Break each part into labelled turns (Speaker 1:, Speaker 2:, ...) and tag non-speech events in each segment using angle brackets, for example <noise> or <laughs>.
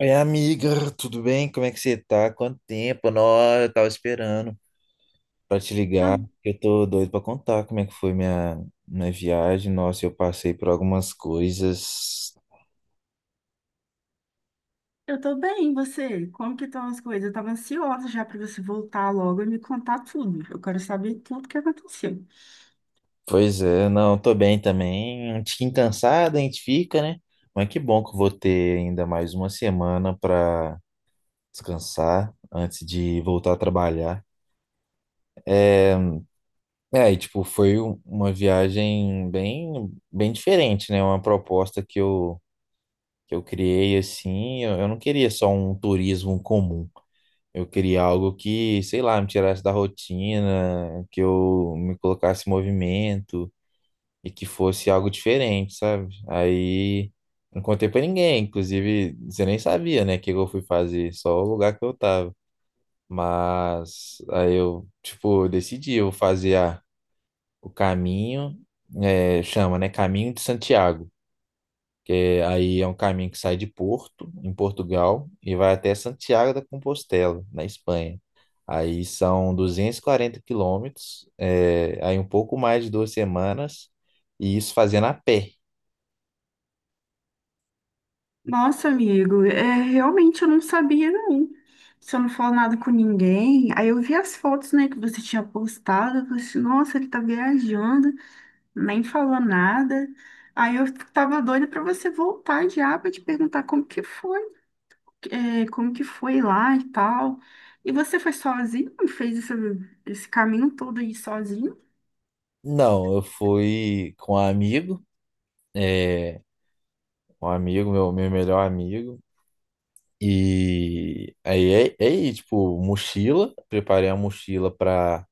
Speaker 1: Oi, amiga, tudo bem? Como é que você tá? Quanto tempo? Nossa, eu tava esperando pra te ligar.
Speaker 2: Tô-
Speaker 1: Eu tô doido pra contar como é que foi minha viagem. Nossa, eu passei por algumas coisas.
Speaker 2: eu tô bem, e você? Como que estão as coisas? Eu tava ansiosa já para você voltar logo e me contar tudo. Eu quero saber tudo que aconteceu.
Speaker 1: Pois é, não, tô bem também. Um tiquinho cansado, a gente fica, né? Mas que bom que eu vou ter ainda mais uma semana pra descansar antes de voltar a trabalhar. É, é, e tipo, foi uma viagem bem, bem diferente, né? Uma proposta que eu criei assim, eu não queria só um turismo comum. Eu queria algo que, sei lá, me tirasse da rotina, que eu me colocasse em movimento e que fosse algo diferente, sabe? Aí não contei pra ninguém, inclusive você nem sabia, né, o que eu fui fazer, só o lugar que eu tava. Mas aí eu, tipo, decidi, eu vou fazer o caminho, é, chama, né, Caminho de Santiago que aí é um caminho que sai de Porto, em Portugal, e vai até Santiago da Compostela, na Espanha. Aí são 240 km, é, aí um pouco mais de 2 semanas, e isso fazendo a pé.
Speaker 2: Nossa, amigo, é, realmente eu não sabia, não. Você não falou nada com ninguém. Aí eu vi as fotos, né, que você tinha postado. Eu falei assim, nossa, ele tá viajando, nem falou nada. Aí eu tava doida para você voltar já para te perguntar como que foi. É, como que foi lá e tal. E você foi sozinho e fez esse caminho todo aí sozinho?
Speaker 1: Não, eu fui com um amigo, é, um amigo, meu melhor amigo, e aí tipo, mochila, preparei a mochila para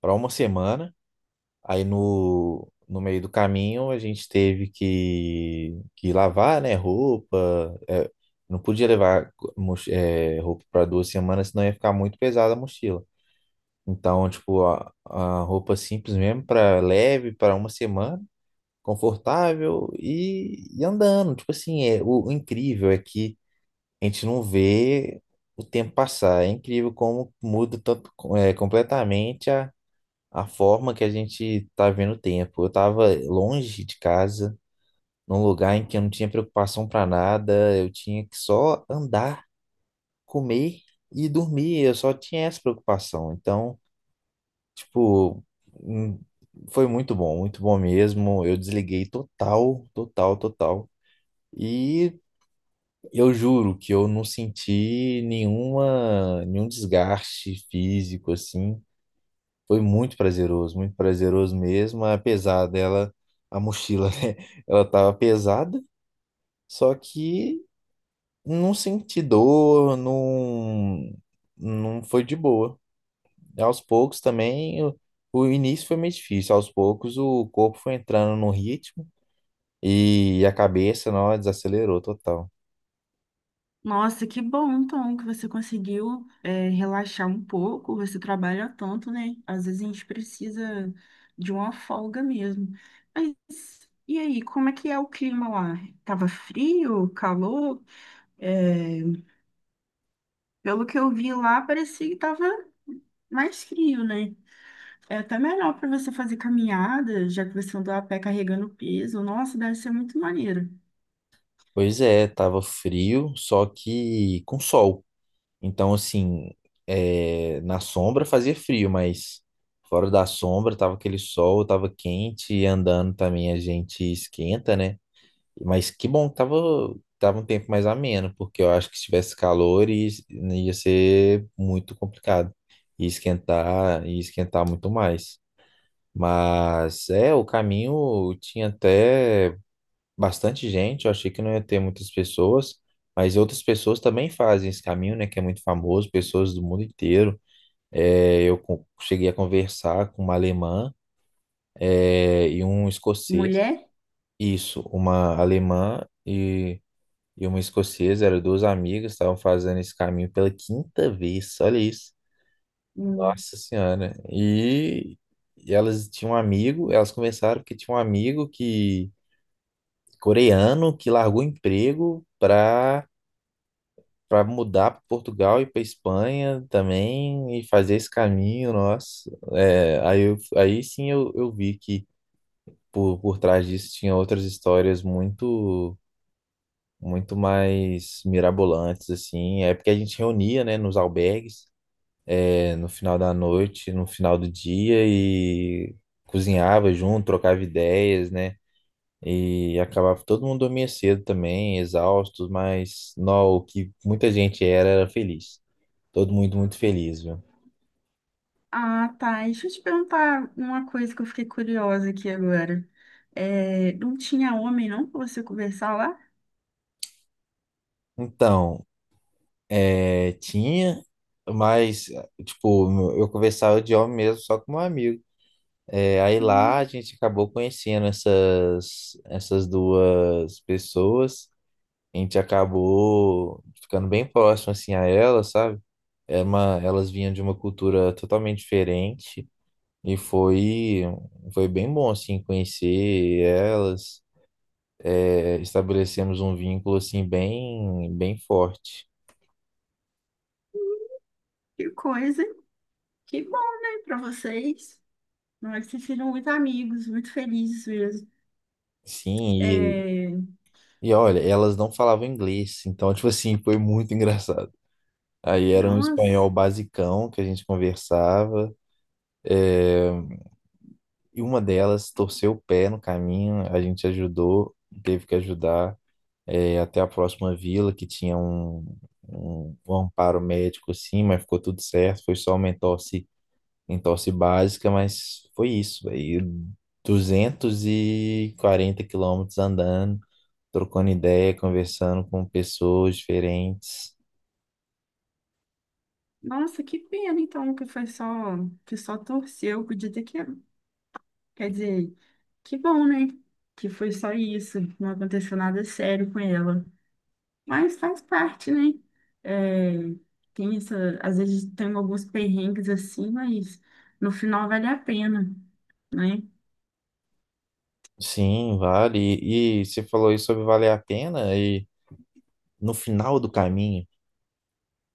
Speaker 1: para uma semana. Aí no meio do caminho a gente teve que lavar, né, roupa. É, não podia levar roupa para 2 semanas, senão ia ficar muito pesada a mochila. Então, tipo, a roupa simples mesmo, para leve, para uma semana, confortável e andando. Tipo assim, é, o incrível é que a gente não vê o tempo passar. É incrível como muda tanto, é, completamente a forma que a gente tá vendo o tempo. Eu tava longe de casa, num lugar em que eu não tinha preocupação para nada, eu tinha que só andar, comer e dormir, eu só tinha essa preocupação. Então, tipo, hum, foi muito bom mesmo. Eu desliguei total, total, total. E eu juro que eu não senti nenhuma, nenhum desgaste físico assim. Foi muito prazeroso mesmo, apesar dela, a mochila, <laughs> né? Ela tava pesada, só que não senti dor, não, não foi de boa. Aos poucos também, o início foi meio difícil, aos poucos o corpo foi entrando no ritmo e a cabeça, não, desacelerou total.
Speaker 2: Nossa, que bom, então, que você conseguiu, é, relaxar um pouco. Você trabalha tanto, né? Às vezes a gente precisa de uma folga mesmo. Mas e aí, como é que é o clima lá? Tava frio, calor? É, pelo que eu vi lá, parecia que tava mais frio, né? É até melhor para você fazer caminhada, já que você andou a pé carregando peso. Nossa, deve ser muito maneiro.
Speaker 1: Pois é, tava frio, só que com sol. Então, assim, é, na sombra fazia frio, mas fora da sombra tava aquele sol, tava quente e andando também a gente esquenta, né? Mas que bom que tava um tempo mais ameno, porque eu acho que se tivesse calor ia ser muito complicado. Ia esquentar muito mais. Mas é, o caminho tinha até bastante gente, eu achei que não ia ter muitas pessoas, mas outras pessoas também fazem esse caminho, né, que é muito famoso, pessoas do mundo inteiro. É, eu cheguei a conversar com uma alemã, é, e um escocês,
Speaker 2: Mulher?
Speaker 1: isso, uma alemã e uma escocesa, eram duas amigas, estavam fazendo esse caminho pela quinta vez, olha isso,
Speaker 2: Hum.
Speaker 1: nossa senhora. E... E elas tinham um amigo, elas começaram porque tinha um amigo que coreano que largou o emprego para mudar para Portugal e para Espanha também e fazer esse caminho, nossa. É, aí, aí sim eu vi que por trás disso tinha outras histórias muito muito mais mirabolantes assim. É porque a gente reunia, né, nos albergues, é, no final da noite, no final do dia e cozinhava junto, trocava ideias, né? E acabava todo mundo dormia cedo também, exaustos, mas não, o que muita gente era feliz. Todo mundo muito feliz, viu?
Speaker 2: Ah, tá. Deixa eu te perguntar uma coisa que eu fiquei curiosa aqui agora. É, não tinha homem, não, para você conversar lá?
Speaker 1: Então, é, tinha, mas, tipo, eu conversava de homem mesmo, só com um amigo. É, aí lá
Speaker 2: Hum,
Speaker 1: a gente acabou conhecendo essas duas pessoas. A gente acabou ficando bem próximo, assim, a elas, sabe? Era uma, elas vinham de uma cultura totalmente diferente e foi, foi bem bom, assim, conhecer elas. É, estabelecemos um vínculo, assim, bem, bem forte.
Speaker 2: que coisa. Que bom, né, para vocês. Não, nós se viram muito amigos, muito felizes mesmo.
Speaker 1: Sim,
Speaker 2: É,
Speaker 1: e olha, elas não falavam inglês, então, tipo assim, foi muito <laughs> engraçado. Aí era um espanhol
Speaker 2: nossa,
Speaker 1: basicão que a gente conversava, é, e uma delas torceu o pé no caminho, a gente ajudou, teve que ajudar, é, até a próxima vila, que tinha um amparo médico, assim, mas ficou tudo certo, foi só uma entorse, entorse básica, mas foi isso, aí 240 km andando, trocando ideia, conversando com pessoas diferentes.
Speaker 2: nossa, que pena, então, que foi só, que só torceu. Podia ter que... Quer dizer, que bom, né? Que foi só isso, não aconteceu nada sério com ela. Mas faz parte, né? É, tem essa, às vezes tem alguns perrengues assim, mas no final vale a pena, né?
Speaker 1: Sim, vale. E você falou isso sobre valer a pena e no final do caminho,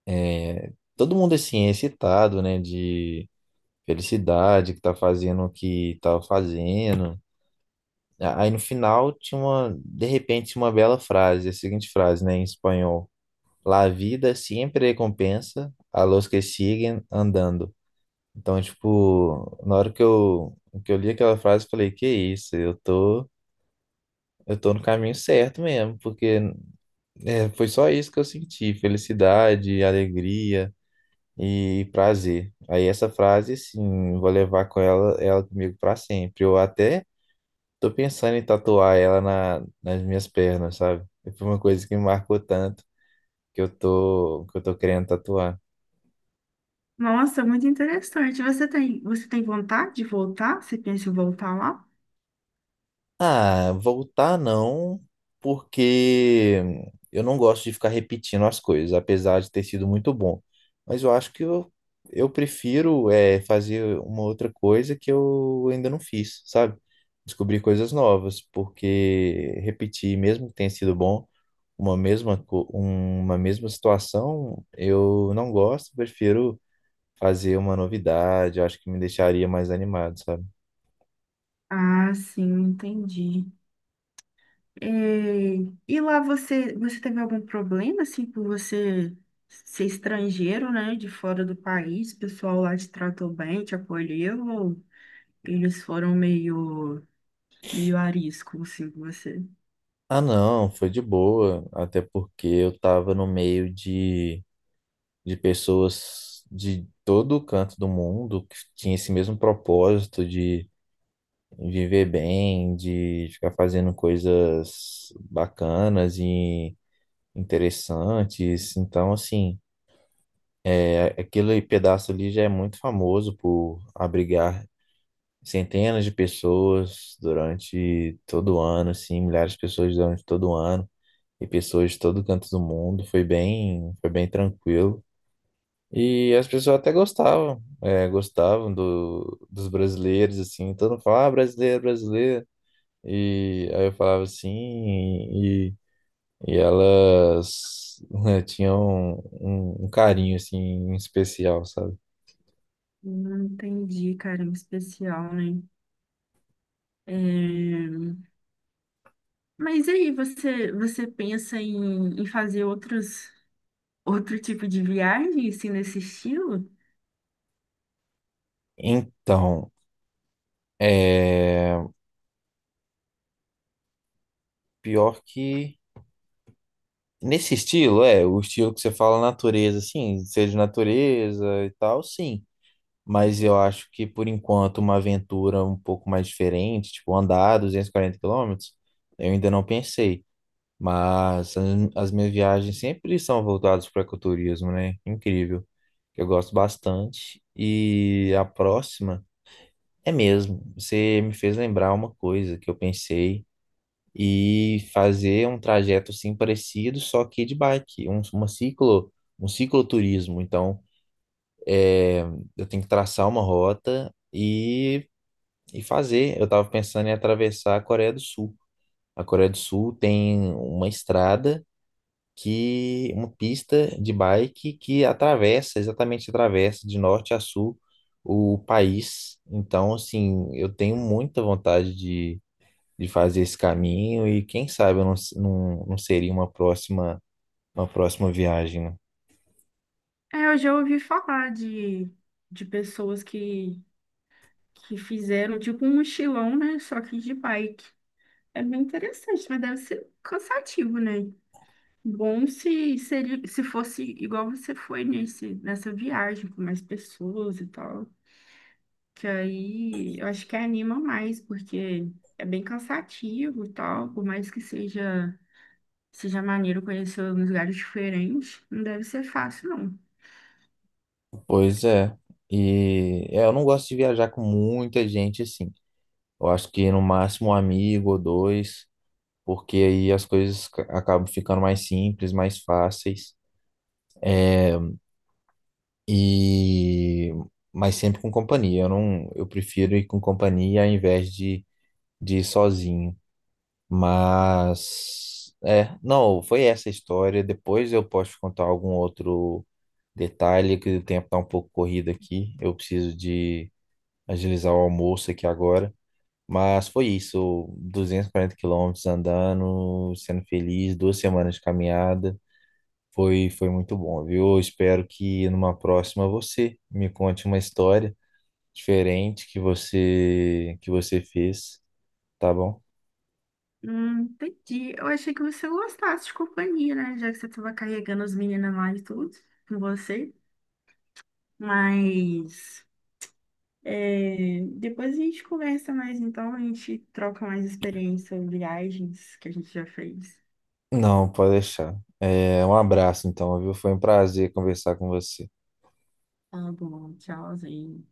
Speaker 1: é, todo mundo é assim é excitado, né, de felicidade que tá fazendo o que tá fazendo. Aí no final tinha uma, de repente, tinha uma bela frase, a seguinte frase, né, em espanhol: La vida siempre recompensa a los que siguen andando. Então, tipo, na hora que eu li aquela frase, eu falei, que isso, eu tô no caminho certo mesmo, porque é, foi só isso que eu senti, felicidade, alegria e prazer. Aí essa frase, assim, eu vou levar com ela, ela comigo pra sempre. Eu até tô pensando em tatuar ela nas minhas pernas, sabe? Foi uma coisa que me marcou tanto que eu tô querendo tatuar.
Speaker 2: Nossa, muito interessante. Você tem vontade de voltar? Você pensa em voltar lá?
Speaker 1: Ah, voltar não, porque eu não gosto de ficar repetindo as coisas, apesar de ter sido muito bom. Mas eu acho que eu prefiro é, fazer uma outra coisa que eu ainda não fiz, sabe? Descobrir coisas novas, porque repetir, mesmo que tenha sido bom, uma mesma, uma mesma situação, eu não gosto, prefiro fazer uma novidade, eu acho que me deixaria mais animado, sabe?
Speaker 2: Ah, sim, entendi. É, e lá você teve algum problema, assim, por você ser estrangeiro, né, de fora do país? O pessoal lá te tratou bem, te acolheu, ou eles foram meio arisco, assim, com você?
Speaker 1: Ah, não, foi de boa, até porque eu tava no meio de pessoas de todo o canto do mundo que tinha esse mesmo propósito de viver bem, de ficar fazendo coisas bacanas e interessantes. Então, assim, é, aquele pedaço ali já é muito famoso por abrigar centenas de pessoas durante todo o ano, assim, milhares de pessoas durante todo o ano, e pessoas de todo canto do mundo. Foi bem tranquilo. E as pessoas até gostavam, é, gostavam dos brasileiros, assim. Todo mundo falava, ah, brasileiro, brasileiro. E aí eu falava assim, e elas né, tinham um carinho, assim, especial, sabe?
Speaker 2: Não entendi, cara, em especial, né? É, mas e aí, você pensa em, em fazer outro tipo de viagem, assim, nesse estilo?
Speaker 1: Então, é, pior que nesse estilo, é, o estilo que você fala natureza, assim, ser de natureza e tal, sim. Mas eu acho que, por enquanto, uma aventura um pouco mais diferente, tipo andar 240 km, eu ainda não pensei. Mas as minhas viagens sempre são voltadas para ecoturismo, né? Incrível. Eu gosto bastante. E a próxima é mesmo. Você me fez lembrar uma coisa que eu pensei e fazer um trajeto assim parecido, só que de bike, um, uma ciclo, um cicloturismo. Então, é, eu tenho que traçar uma rota e fazer. Eu estava pensando em atravessar a Coreia do Sul. A Coreia do Sul tem uma estrada que, uma pista de bike que atravessa, exatamente atravessa de norte a sul o país. Então, assim, eu tenho muita vontade de fazer esse caminho e quem sabe eu não, não, não seria uma próxima viagem, né?
Speaker 2: É, eu já ouvi falar de pessoas que fizeram tipo um mochilão, né? Só que de bike. É bem interessante, mas deve ser cansativo, né? Bom se seria, se fosse igual você foi nessa viagem com mais pessoas e tal. Que aí eu acho que anima mais, porque é bem cansativo e tal, por mais que seja maneiro conhecer uns lugares diferentes, não deve ser fácil, não.
Speaker 1: Pois é. E é, eu não gosto de viajar com muita gente assim. Eu acho que no máximo um amigo ou dois, porque aí as coisas acabam ficando mais simples, mais fáceis e mas sempre com companhia. Eu não, eu prefiro ir com companhia ao invés de ir sozinho. Mas é, não, foi essa a história. Depois eu posso te contar algum outro detalhe que o tempo tá um pouco corrido aqui. Eu preciso de agilizar o almoço aqui agora. Mas foi isso, 240 km andando, sendo feliz, 2 semanas de caminhada. Foi, foi muito bom, viu? Eu espero que numa próxima você me conte uma história diferente que você fez, tá bom?
Speaker 2: Entendi. Eu achei que você gostasse de companhia, né? Já que você estava carregando as meninas lá e tudo com você. Mas é, depois a gente conversa mais, então a gente troca mais experiência, viagens que a gente já fez.
Speaker 1: Não, pode deixar. É, um abraço então, viu? Foi um prazer conversar com você.
Speaker 2: Tá bom, tchauzinho.